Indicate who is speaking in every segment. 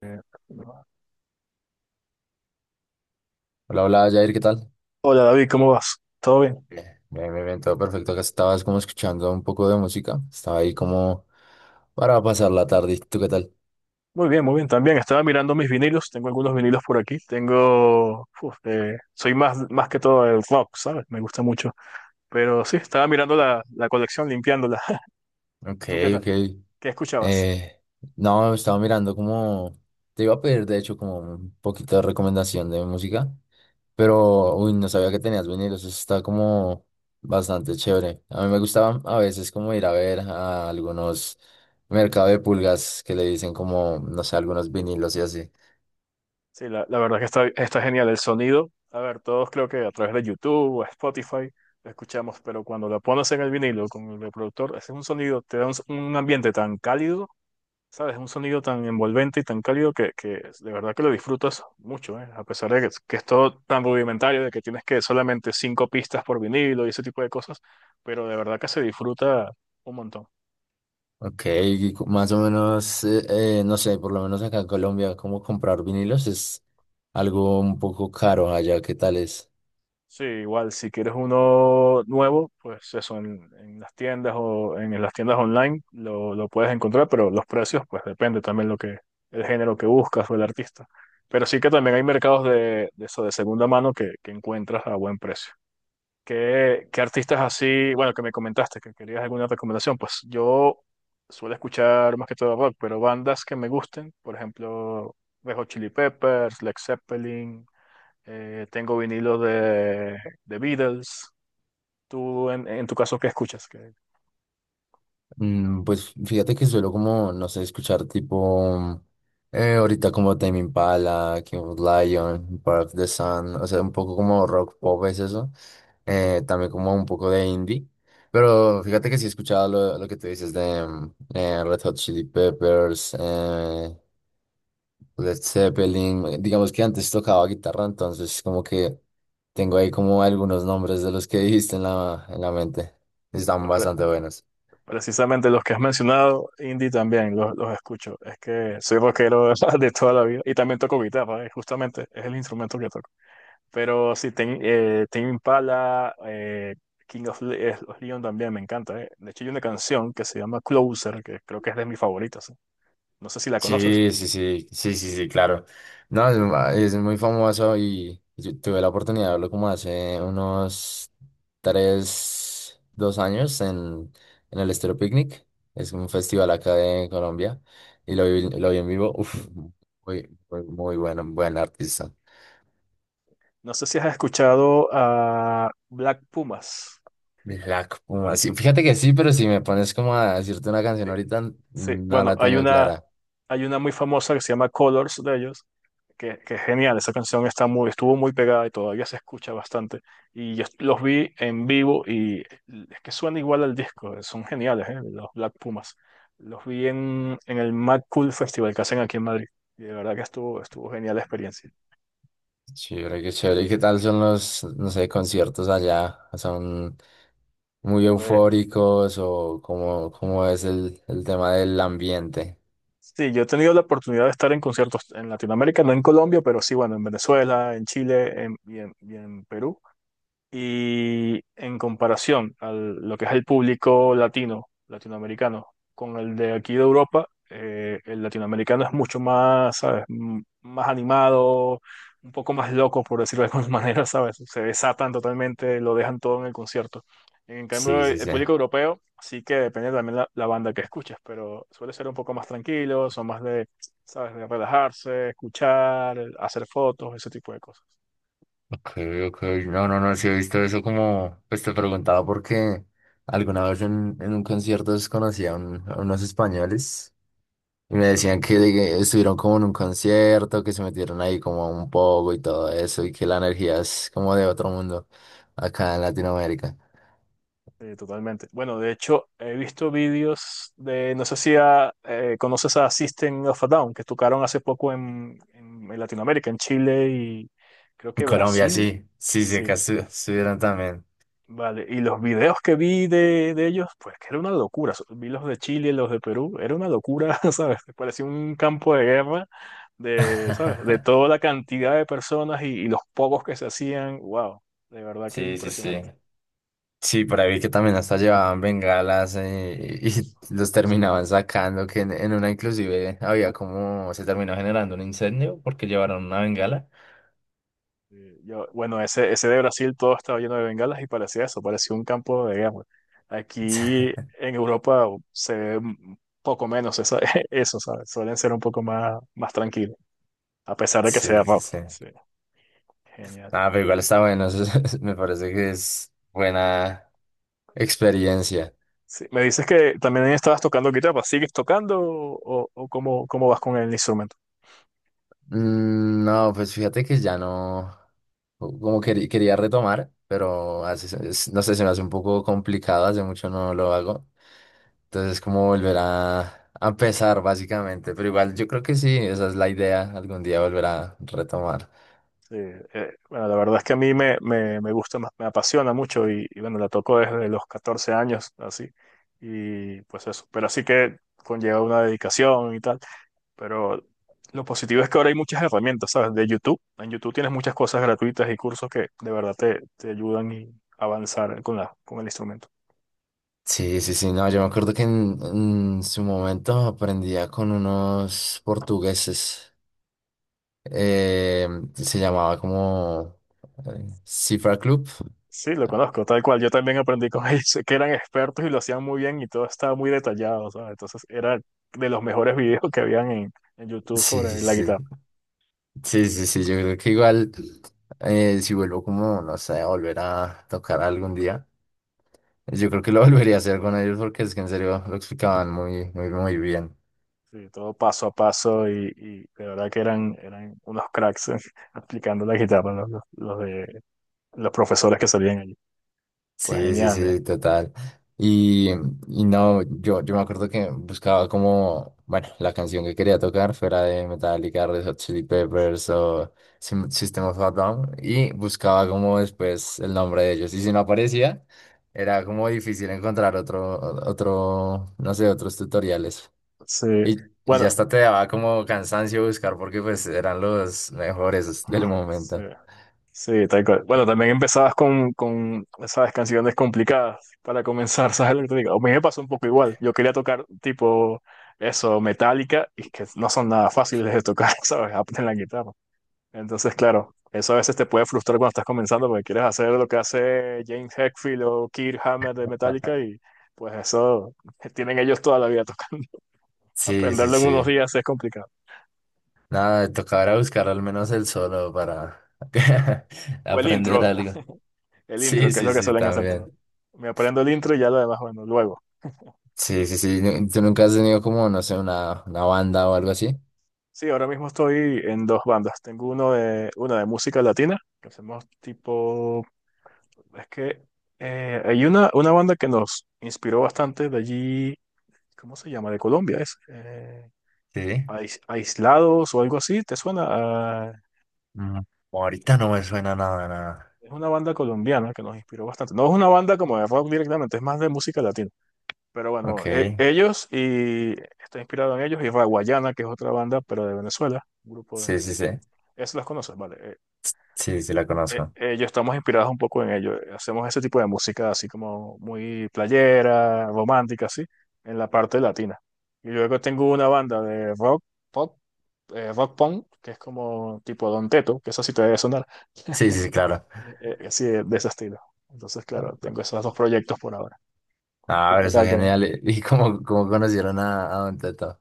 Speaker 1: Eh,
Speaker 2: Hola, hola, Jair, ¿qué tal?
Speaker 1: Hola David, ¿cómo vas? ¿Todo bien?
Speaker 2: Bien, bien, bien, bien, todo perfecto. Acá estabas como escuchando un poco de música. Estaba ahí como para pasar la tarde. ¿Tú qué tal?
Speaker 1: Muy bien, muy bien. También estaba mirando mis vinilos. Tengo algunos vinilos por aquí. Tengo... soy más que todo el rock, ¿sabes? Me gusta mucho. Pero sí, estaba mirando la colección, limpiándola.
Speaker 2: Ok,
Speaker 1: ¿Tú qué tal?
Speaker 2: ok.
Speaker 1: ¿Qué escuchabas?
Speaker 2: Eh, no, estaba mirando como... Te iba a pedir, de hecho, como un poquito de recomendación de música. Pero, uy, no sabía que tenías vinilos. Eso está como bastante chévere. A mí me gustaba a veces como ir a ver a algunos mercados de pulgas que le dicen como, no sé, algunos vinilos y así.
Speaker 1: Sí, la verdad que está genial el sonido. A ver, todos creo que a través de YouTube o Spotify lo escuchamos, pero cuando lo pones en el vinilo con el reproductor, ese es un sonido, te da un ambiente tan cálido. ¿Sabes? Es un sonido tan envolvente y tan cálido que de verdad que lo disfrutas mucho, ¿eh? A pesar de que es todo tan rudimentario, de que tienes que solamente cinco pistas por vinilo y ese tipo de cosas, pero de verdad que se disfruta un montón.
Speaker 2: Ok, y más o menos, no sé, por lo menos acá en Colombia, cómo comprar vinilos es algo un poco caro allá, ¿qué tal es?
Speaker 1: Sí, igual, si quieres uno nuevo, pues eso, en las tiendas o en las tiendas online lo puedes encontrar, pero los precios, pues depende también lo que, el género que buscas o el artista. Pero sí que también hay mercados de eso, de segunda mano que encuentras a buen precio. ¿Qué, qué artistas así, bueno, que me comentaste que querías alguna recomendación? Pues yo suelo escuchar más que todo rock, pero bandas que me gusten, por ejemplo, Red Hot Chili Peppers, Led Zeppelin, tengo vinilos de Beatles. Tú, en tu caso, ¿qué escuchas? Que,
Speaker 2: Mm, pues fíjate que suelo como, no sé, escuchar tipo, ahorita como Tame Impala, King of Lion, Part of the Sun, o sea, un poco como rock pop es eso, también como un poco de indie, pero fíjate que sí he escuchado lo que tú dices de Red Hot Chili Peppers, Led Zeppelin, digamos que antes tocaba guitarra, entonces como que tengo ahí como algunos nombres de los que dijiste en en la mente. Están
Speaker 1: pues,
Speaker 2: bastante buenos.
Speaker 1: precisamente los que has mencionado, indie también los escucho. Es que soy rockero de toda la vida y también toco guitarra, justamente es el instrumento que toco. Pero sí, Tame Impala, of Leon también me encanta. De hecho, hay una canción que se llama Closer, que creo que es de mis favoritas. No sé si la conoces.
Speaker 2: Sí, sí, sí, sí, sí, sí, claro. No, es muy famoso y yo tuve la oportunidad de verlo como hace unos tres, dos años en el Estéreo Picnic. Es un festival acá de Colombia y lo vi en vivo. Uf, muy, muy, muy bueno, buen artista.
Speaker 1: No sé si has escuchado a Black Pumas.
Speaker 2: Black Puma. Sí, fíjate que sí, pero si me pones como a decirte una canción
Speaker 1: Sí,
Speaker 2: ahorita,
Speaker 1: sí.
Speaker 2: no
Speaker 1: Bueno,
Speaker 2: la tengo clara.
Speaker 1: hay una muy famosa que se llama Colors de ellos, que es genial. Esa canción está muy, estuvo muy pegada y todavía se escucha bastante. Y yo los vi en vivo y es que suena igual al disco. Son geniales, ¿eh? Los Black Pumas. Los vi en el Mad Cool Festival que hacen aquí en Madrid. Y de verdad que estuvo genial la experiencia.
Speaker 2: Chévere, qué chévere. ¿Y qué tal son los, no sé, conciertos allá? ¿Son muy
Speaker 1: Pues
Speaker 2: eufóricos o cómo, cómo es el tema del ambiente?
Speaker 1: sí, yo he tenido la oportunidad de estar en conciertos en Latinoamérica, no en Colombia, pero sí, bueno, en Venezuela, y y en Perú. Y en comparación a lo que es el público latino, latinoamericano, con el de aquí de Europa, el latinoamericano es mucho más, ¿sabes? Más animado, un poco más loco, por decirlo de alguna manera, ¿sabes? Se desatan totalmente, lo dejan todo en el concierto. En
Speaker 2: Sí,
Speaker 1: cambio, el
Speaker 2: sí,
Speaker 1: el
Speaker 2: sí.
Speaker 1: público europeo sí que depende también la banda que escuches, pero suele ser un poco más tranquilo, son más de, ¿sabes? De relajarse, escuchar, hacer fotos, ese tipo de cosas.
Speaker 2: Ok, ok. No, no, no, sí he visto eso como, pues te preguntaba porque alguna vez en un concierto desconocí a, a unos españoles. Y me decían que estuvieron como en un concierto, que se metieron ahí como un poco y todo eso, y que la energía es como de otro mundo acá en Latinoamérica.
Speaker 1: Sí, totalmente. Bueno, de hecho, he visto vídeos de, no sé si conoces a System of a Down, que tocaron hace poco en Latinoamérica, en Chile y creo
Speaker 2: En
Speaker 1: que
Speaker 2: Colombia
Speaker 1: Brasil.
Speaker 2: sí, sí, sí,
Speaker 1: Sí,
Speaker 2: acá estuvieron también.
Speaker 1: vale. Y los videos que vi de ellos, pues que era una locura. Vi los de Chile, los de Perú, era una locura, ¿sabes? Parecía un campo de guerra de, ¿sabes? De toda la cantidad de personas y los pocos que se hacían. Wow, de verdad que
Speaker 2: Sí, sí,
Speaker 1: impresionante.
Speaker 2: sí. Sí, por ahí vi que también hasta llevaban bengalas y los terminaban sacando, que en una inclusive había como, se terminó generando un incendio porque llevaron una bengala.
Speaker 1: Yo, bueno, ese de Brasil todo estaba lleno de bengalas y parecía eso, parecía un campo de guerra. Aquí en Europa se ve un poco menos eso, ¿sabes? Suelen ser un poco más tranquilos, a pesar de que sea
Speaker 2: Sí, sí,
Speaker 1: rock.
Speaker 2: sí.
Speaker 1: Sí, genial.
Speaker 2: Ah, pero igual está bueno, me parece que es buena. Experiencia.
Speaker 1: Sí, me dices que también estabas tocando guitarra, ¿sigues tocando o cómo, cómo vas con el instrumento?
Speaker 2: Mm, no, pues fíjate que ya no, como quería retomar, pero hace no sé, se me hace un poco complicado, hace mucho no lo hago. Entonces es como volver a empezar básicamente, pero igual yo creo que sí, esa es la idea, algún día volver a retomar.
Speaker 1: Sí, bueno, la verdad es que a mí me gusta más, me apasiona mucho y bueno, la toco desde los 14 años, así, y pues eso, pero así que conlleva una dedicación y tal, pero lo positivo es que ahora hay muchas herramientas, ¿sabes? De YouTube, en YouTube tienes muchas cosas gratuitas y cursos que de verdad te ayudan y avanzar con la, con el instrumento.
Speaker 2: Sí, sí, sí, no, yo me acuerdo que en su momento aprendía con unos portugueses, eh, se llamaba como Cifra Club.
Speaker 1: Sí, lo conozco, tal cual, yo también aprendí con ellos, sé que eran expertos y lo hacían muy bien y todo estaba muy detallado, ¿sabes? Entonces era de los mejores videos que habían en YouTube
Speaker 2: Sí, sí,
Speaker 1: sobre la
Speaker 2: sí.
Speaker 1: guitarra.
Speaker 2: Sí, sí, sí, yo creo que igual si vuelvo como, no sé, a volver a tocar algún día, yo creo que lo volvería a hacer con ellos porque es que en serio lo explicaban muy, muy, muy bien.
Speaker 1: Sí, todo paso a paso y de verdad que eran unos cracks aplicando la guitarra los los profesores que salían allí. Pues
Speaker 2: Sí, sí,
Speaker 1: genial, ¿eh?
Speaker 2: sí, total. Y, y no, yo me acuerdo que buscaba como, bueno, la canción que quería tocar fuera de Metallica, Red Hot Chili Peppers o System of a Down y buscaba como después el nombre de ellos. Y si no aparecía, era como difícil encontrar otro, otro, no sé, otros tutoriales.
Speaker 1: Sí,
Speaker 2: Y ya
Speaker 1: bueno,
Speaker 2: hasta te daba como cansancio buscar porque pues eran los mejores del
Speaker 1: sí,
Speaker 2: momento.
Speaker 1: sí, tal cual. Bueno, también empezabas con esas canciones complicadas para comenzar, ¿sabes lo que te digo? A mí me pasó un poco igual. Yo quería tocar tipo eso, metálica y es que no son nada fáciles de tocar, ¿sabes? Aprender la guitarra. Entonces, claro, eso a veces te puede frustrar cuando estás comenzando porque quieres hacer lo que hace James Hetfield o Kirk Hammett de Metallica y pues eso tienen ellos toda la vida tocando.
Speaker 2: Sí, sí,
Speaker 1: Aprenderlo en unos
Speaker 2: sí.
Speaker 1: días es complicado.
Speaker 2: Nada, tocará buscar al menos el solo para
Speaker 1: Sí. O el
Speaker 2: aprender
Speaker 1: intro,
Speaker 2: algo.
Speaker 1: el intro,
Speaker 2: Sí,
Speaker 1: que es
Speaker 2: sí,
Speaker 1: lo que
Speaker 2: sí,
Speaker 1: suelen hacer todos.
Speaker 2: también.
Speaker 1: Me aprendo el intro y ya lo demás, bueno, luego.
Speaker 2: Sí, sí, sí. ¿Tú nunca has tenido como, no sé, una banda o algo así?
Speaker 1: Sí, ahora mismo estoy en dos bandas. Tengo una de música latina, que hacemos tipo, es que hay una banda que nos inspiró bastante de allí, ¿cómo se llama? De Colombia, es.
Speaker 2: Sí.
Speaker 1: Aislados o algo así, ¿te suena? Ah,
Speaker 2: Mm, ahorita no me suena nada, nada.
Speaker 1: es una banda colombiana que nos inspiró bastante. No es una banda como de rock directamente, es más de música latina. Pero bueno,
Speaker 2: Ok.
Speaker 1: ellos y está inspirado en ellos y Raguayana, que es otra banda, pero de Venezuela, un grupo
Speaker 2: Sí,
Speaker 1: de...
Speaker 2: sí, sí.
Speaker 1: Eso las conoces, vale.
Speaker 2: Sí, sí, la conozco.
Speaker 1: Ellos estamos inspirados un poco en ellos. Hacemos ese tipo de música así como muy playera, romántica, así, en la parte latina. Y luego tengo una banda de rock, pop, rock punk, que es como tipo Don Teto, que eso sí te debe sonar.
Speaker 2: Sí, sí, sí, claro.
Speaker 1: Así de ese estilo. Entonces, claro, tengo esos dos proyectos por ahora.
Speaker 2: Ah,
Speaker 1: ¿Tú qué
Speaker 2: pero está
Speaker 1: tal, qué?
Speaker 2: genial. ¿Y y cómo, cómo conocieron a Don Teto?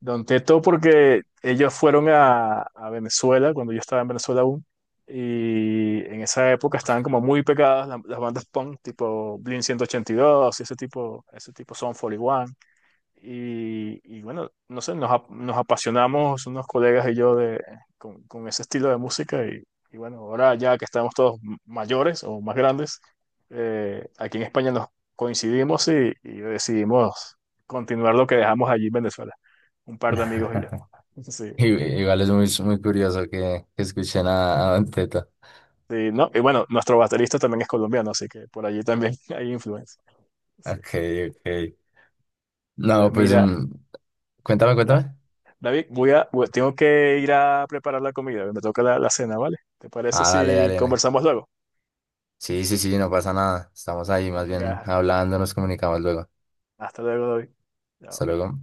Speaker 1: Don Teto, porque ellos fueron a Venezuela, cuando yo estaba en Venezuela aún, y en esa época estaban como muy pegadas las bandas punk, tipo Blink 182 y ese tipo Son 41. Y bueno, no sé, nos apasionamos unos colegas y yo de, con ese estilo de música y bueno, ahora ya que estamos todos mayores o más grandes, aquí en España nos coincidimos y decidimos continuar lo que dejamos allí en Venezuela, un par de amigos y yo. Sí,
Speaker 2: I- Igual es muy, muy curioso que escuchen a Don Teto.
Speaker 1: sí, ¿no? Y bueno, nuestro baterista también es colombiano, así que por allí también hay influencia. Sí.
Speaker 2: Ok, ok.
Speaker 1: Pues
Speaker 2: No, pues
Speaker 1: mira,
Speaker 2: mm, cuéntame, cuéntame.
Speaker 1: David, tengo que ir a preparar la comida, me toca la cena, ¿vale? ¿Te parece
Speaker 2: Ah, dale,
Speaker 1: si
Speaker 2: dale, dale.
Speaker 1: conversamos luego?
Speaker 2: Sí, sí, sí, no pasa nada. Estamos ahí, más bien
Speaker 1: Venga,
Speaker 2: hablando, nos comunicamos luego.
Speaker 1: hasta luego, David.
Speaker 2: Hasta
Speaker 1: Chao.
Speaker 2: luego.